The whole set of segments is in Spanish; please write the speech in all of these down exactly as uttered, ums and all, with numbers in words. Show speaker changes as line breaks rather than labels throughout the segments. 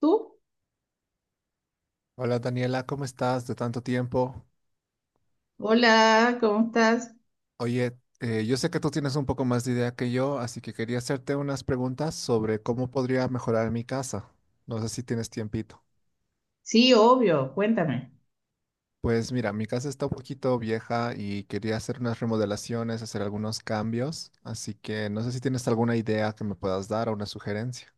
¿Tú?
Hola Daniela, ¿cómo estás? De tanto tiempo.
Hola, ¿cómo estás?
Oye, eh, yo sé que tú tienes un poco más de idea que yo, así que quería hacerte unas preguntas sobre cómo podría mejorar mi casa. No sé si tienes tiempito.
Sí, obvio, cuéntame.
Pues mira, mi casa está un poquito vieja y quería hacer unas remodelaciones, hacer algunos cambios, así que no sé si tienes alguna idea que me puedas dar o una sugerencia.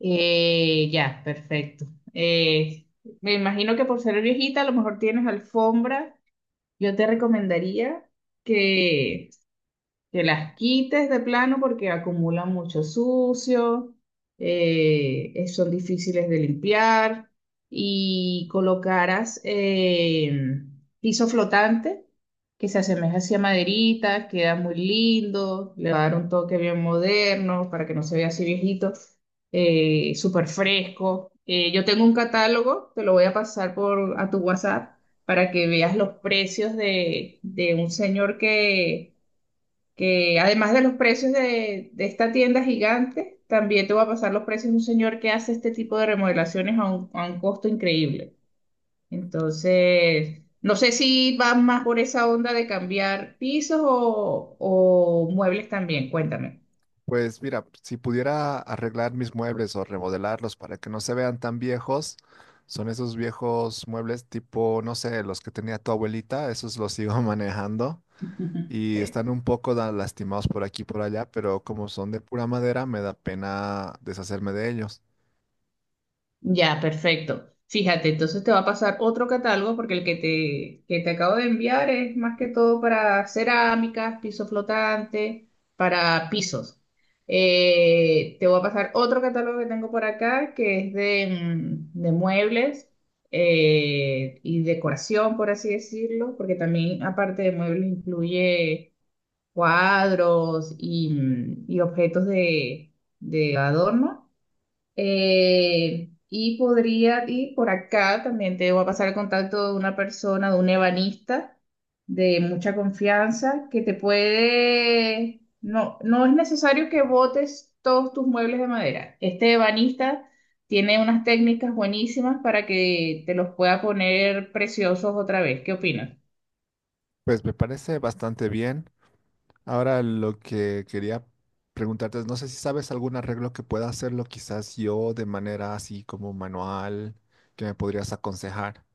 Eh, ya, perfecto. Eh, Me imagino que por ser viejita a lo mejor tienes alfombra. Yo te recomendaría que que las quites de plano porque acumulan mucho sucio, eh, eh, son difíciles de limpiar y colocaras eh, piso flotante que se asemeja así a maderitas, queda muy lindo, le va a dar un toque bien moderno para que no se vea así viejito, eh, súper fresco. Eh, yo tengo un catálogo, te lo voy a pasar por a tu WhatsApp para que veas los precios de, de un señor que que además de los precios de, de esta tienda gigante, también te va a pasar los precios de un señor que hace este tipo de remodelaciones a un, a un costo increíble. Entonces, no sé si vas más por esa onda de cambiar pisos o, o muebles también, cuéntame.
Pues mira, si pudiera arreglar mis muebles o remodelarlos para que no se vean tan viejos, son esos viejos muebles tipo, no sé, los que tenía tu abuelita, esos los sigo manejando y están un poco da- lastimados por aquí y por allá, pero como son de pura madera, me da pena deshacerme de ellos.
Ya, perfecto. Fíjate, entonces te va a pasar otro catálogo porque el que te, que te acabo de enviar es más que todo para cerámicas, piso flotante, para pisos. Eh, te voy a pasar otro catálogo que tengo por acá que es de, mm, de muebles eh, y decoración, por así decirlo, porque también aparte de muebles incluye cuadros y, mm, y objetos de, de adorno. Eh, y podría, y por acá también te voy a pasar el contacto de una persona, de un ebanista de mucha confianza, que te puede, no, no es necesario que botes todos tus muebles de madera. Este ebanista tiene unas técnicas buenísimas para que te los pueda poner preciosos otra vez. ¿Qué opinas?
Pues me parece bastante bien. Ahora lo que quería preguntarte es, no sé si sabes algún arreglo que pueda hacerlo quizás yo de manera así como manual, que me podrías aconsejar.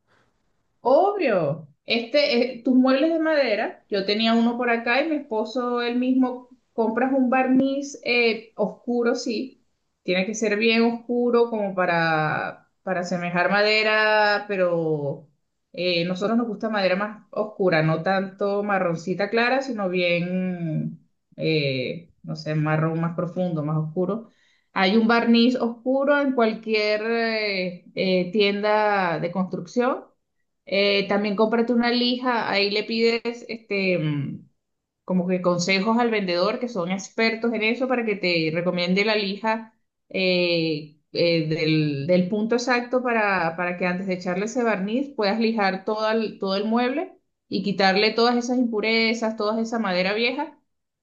Obvio. Este, eh, tus muebles de madera, yo tenía uno por acá y mi esposo él mismo compras un barniz eh, oscuro, sí. Tiene que ser bien oscuro como para, para asemejar madera, pero eh, nosotros nos gusta madera más oscura, no tanto marroncita clara, sino bien, eh, no sé, marrón más profundo, más oscuro. Hay un barniz oscuro en cualquier eh, eh, tienda de construcción. Eh, también cómprate una lija, ahí le pides este, mm, como que consejos al vendedor que son expertos en eso para que te recomiende la lija eh, eh, del, del punto exacto para, para que antes de echarle ese barniz puedas lijar todo el, todo el mueble y quitarle todas esas impurezas, toda esa madera vieja.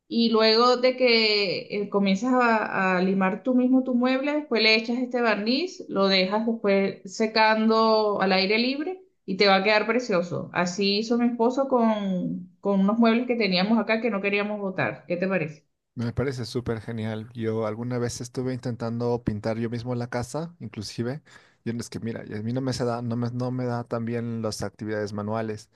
Y luego de que eh, comienzas a, a limar tú mismo tu mueble, después le echas este barniz, lo dejas después secando al aire libre y te va a quedar precioso. Así hizo mi esposo con, con unos muebles que teníamos acá que no queríamos botar. ¿Qué te parece?
Me parece súper genial. Yo alguna vez estuve intentando pintar yo mismo la casa, inclusive. Yo es que, mira, y a mí no me se da, no me, no me da tan bien las actividades manuales.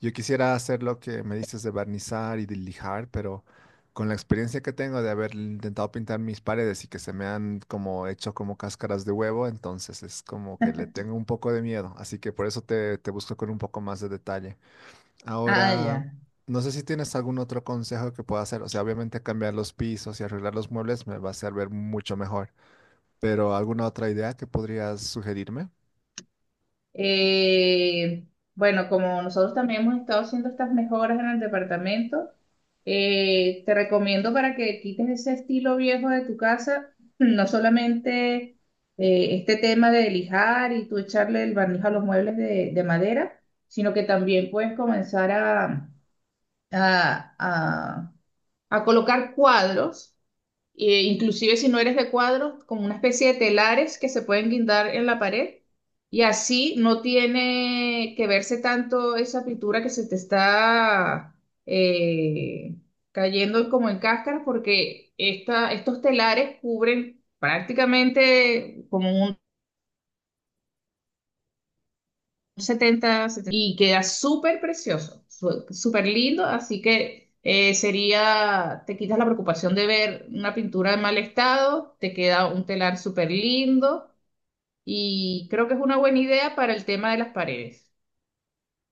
Yo quisiera hacer lo que me dices de barnizar y de lijar, pero con la experiencia que tengo de haber intentado pintar mis paredes y que se me han como hecho como cáscaras de huevo, entonces es como que le tengo un poco de miedo. Así que por eso te, te busco con un poco más de detalle.
Ah,
Ahora,
ya.
no sé si tienes algún otro consejo que pueda hacer. O sea, obviamente cambiar los pisos y arreglar los muebles me va a hacer ver mucho mejor. Pero ¿alguna otra idea que podrías sugerirme?
Eh, bueno, como nosotros también hemos estado haciendo estas mejoras en el departamento, eh, te recomiendo para que quites ese estilo viejo de tu casa, no solamente eh, este tema de lijar y tú echarle el barniz a los muebles de, de madera, sino que también puedes comenzar a, a, a a colocar cuadros, e inclusive si no eres de cuadros, como una especie de telares que se pueden guindar en la pared. Y así no tiene que verse tanto esa pintura que se te está eh, cayendo como en cáscara, porque esta, estos telares cubren prácticamente como setenta 70, y queda súper precioso, su- súper lindo, así que eh, sería, te quitas la preocupación de ver una pintura en mal estado, te queda un telar súper lindo y creo que es una buena idea para el tema de las paredes.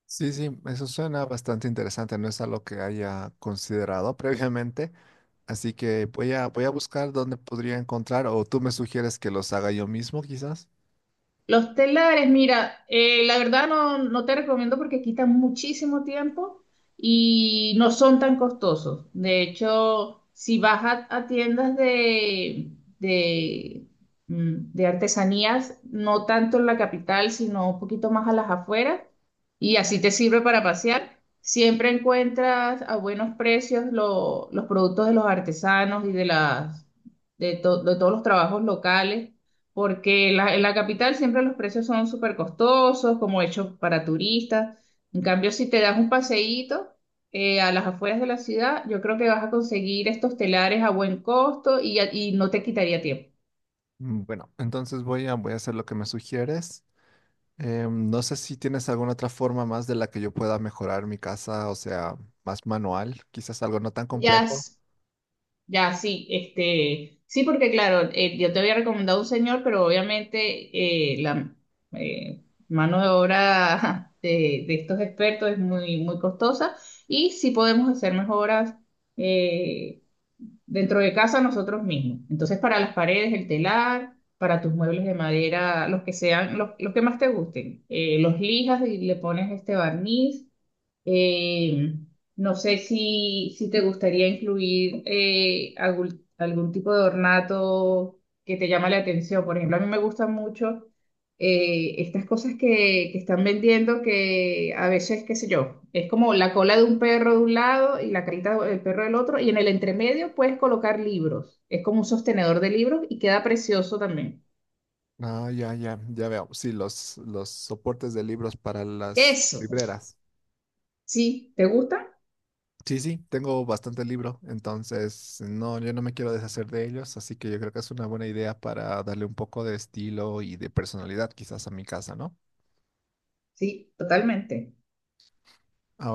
Sí, sí, eso suena bastante interesante. No es algo que haya considerado previamente. Así que voy a, voy a buscar dónde podría encontrar o tú me sugieres que los haga yo mismo, quizás.
Los telares, mira, eh, la verdad no, no te recomiendo porque quitan muchísimo tiempo y no son tan costosos. De hecho, si vas a, a tiendas de, de, mm, de artesanías, no tanto en la capital, sino un poquito más a las afueras, y así te sirve para pasear, siempre encuentras a buenos precios lo- los productos de los artesanos y de, las, de to- de todos los trabajos locales porque la- en la capital siempre los precios son súper costosos, como hechos para turistas. En cambio, si te das un paseíto eh, a las afueras de la ciudad, yo creo que vas a conseguir estos telares a buen costo y, y no te quitaría tiempo.
Mm, bueno, entonces voy a, voy a hacer lo que me sugieres. Em, no sé si tienes alguna otra forma más de la que yo pueda mejorar mi casa, o sea, más manual, quizás algo no tan
Ya,
complejo.
ya, sí, este, sí, porque claro, eh, yo te había recomendado un señor, pero obviamente eh, la eh, mano de obra de, de estos expertos es muy, muy costosa y sí podemos hacer mejoras eh, dentro de casa nosotros mismos. Entonces, para las paredes, el telar, para tus muebles de madera, los que sean, los, los que más te gusten, eh, los lijas y le pones este barniz eh, no sé si, si te gustaría incluir eh, algún, algún tipo de ornato que te llama la atención. Por ejemplo, a mí me gustan mucho eh, estas cosas que, que están vendiendo que a veces, qué sé yo, es como la cola de un perro de un lado y la carita del perro del otro y en el entremedio puedes colocar libros. Es como un sostenedor de libros y queda precioso también.
Ah, ya, ya, ya veo. Sí, los, los soportes de libros para las
Eso,
libreras.
¿sí? ¿Te gusta?
Sí, sí, tengo bastante libro, entonces no, yo no me quiero deshacer de ellos, así que yo creo que es una buena idea para darle un poco de estilo y de personalidad quizás a mi casa, ¿no?
Sí, totalmente.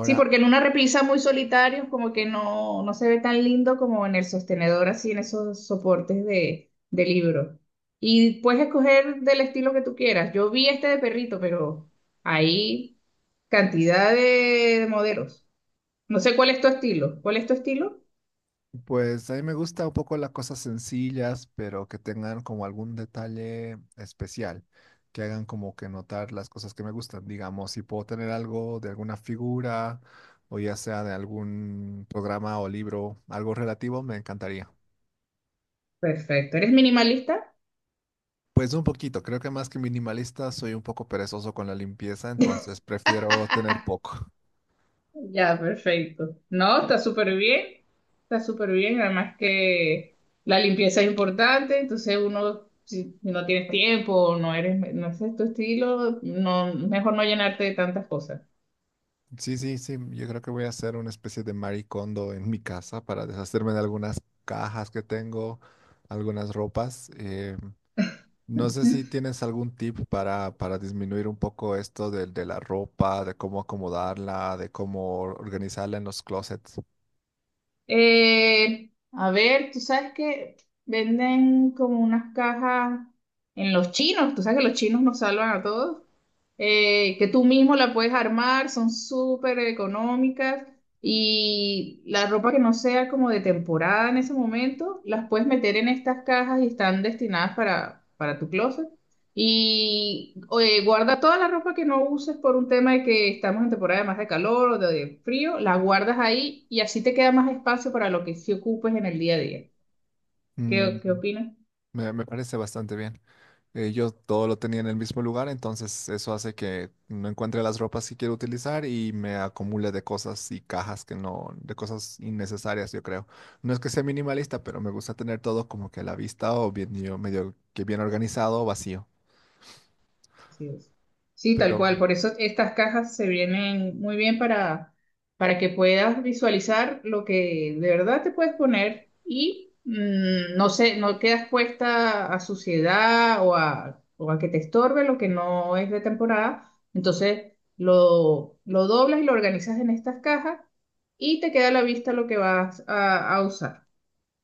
Sí, porque en una repisa muy solitario como que no, no se ve tan lindo como en el sostenedor, así en esos soportes de, de libro. Y puedes escoger del estilo que tú quieras. Yo vi este de perrito, pero hay cantidad de, de modelos. No sé cuál es tu estilo. ¿Cuál es tu estilo?
pues a mí me gusta un poco las cosas sencillas, pero que tengan como algún detalle especial, que hagan como que notar las cosas que me gustan. Digamos, si puedo tener algo de alguna figura o ya sea de algún programa o libro, algo relativo, me encantaría.
Perfecto. ¿Eres minimalista?
Pues un poquito, creo que más que minimalista soy un poco perezoso con la limpieza, entonces prefiero tener poco.
Ya, perfecto. No, está súper bien, está súper bien. Además que la limpieza es importante, entonces uno, si si no tienes tiempo o no eres, no es tu estilo, no, mejor no llenarte de tantas cosas.
Sí, sí, sí. Yo creo que voy a hacer una especie de maricondo en mi casa para deshacerme de algunas cajas que tengo, algunas ropas. Eh, no sé si tienes algún tip para, para disminuir un poco esto del- de la ropa, de cómo acomodarla, de cómo organizarla en los closets.
Eh, a ver, tú sabes que venden como unas cajas en los chinos, tú sabes que los chinos nos salvan a todos, eh, que tú mismo la puedes armar, son súper económicas y la ropa que no sea como de temporada en ese momento, las puedes meter en estas cajas y están destinadas para, para tu closet. Y oye, guarda toda la ropa que no uses por un tema de que estamos en temporada más de calor o de frío, la guardas ahí y así te queda más espacio para lo que sí ocupes en el día a día.
Mm,
¿Qué, qué opinas?
me, me parece bastante bien. Eh, yo todo lo tenía en el mismo lugar, entonces eso hace que no encuentre las ropas que quiero utilizar y me acumule de cosas y cajas que no, de cosas innecesarias, yo creo. No es que sea minimalista, pero me gusta tener todo como que a la vista o bien, yo- medio que bien organizado o vacío.
Así es. Sí, tal
Pero
cual. Por eso estas cajas se vienen muy bien para, para que puedas visualizar lo que de verdad te puedes poner y mm, no sé, no quedas puesta a suciedad o a, o a que te estorbe lo que no es de temporada. Entonces lo, lo doblas y lo organizas en estas cajas y te queda a la vista lo que vas a, a usar.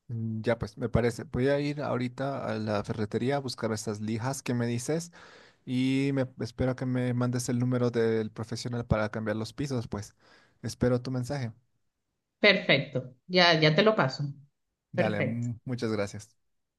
mm, ya pues, me parece. Voy a ir ahorita a la ferretería a buscar estas lijas que me dices y me espero que me mandes el número del profesional para cambiar los pisos, pues. Espero tu mensaje.
Perfecto. Ya, ya te lo paso.
Dale,
Perfecto.
mm, muchas gracias.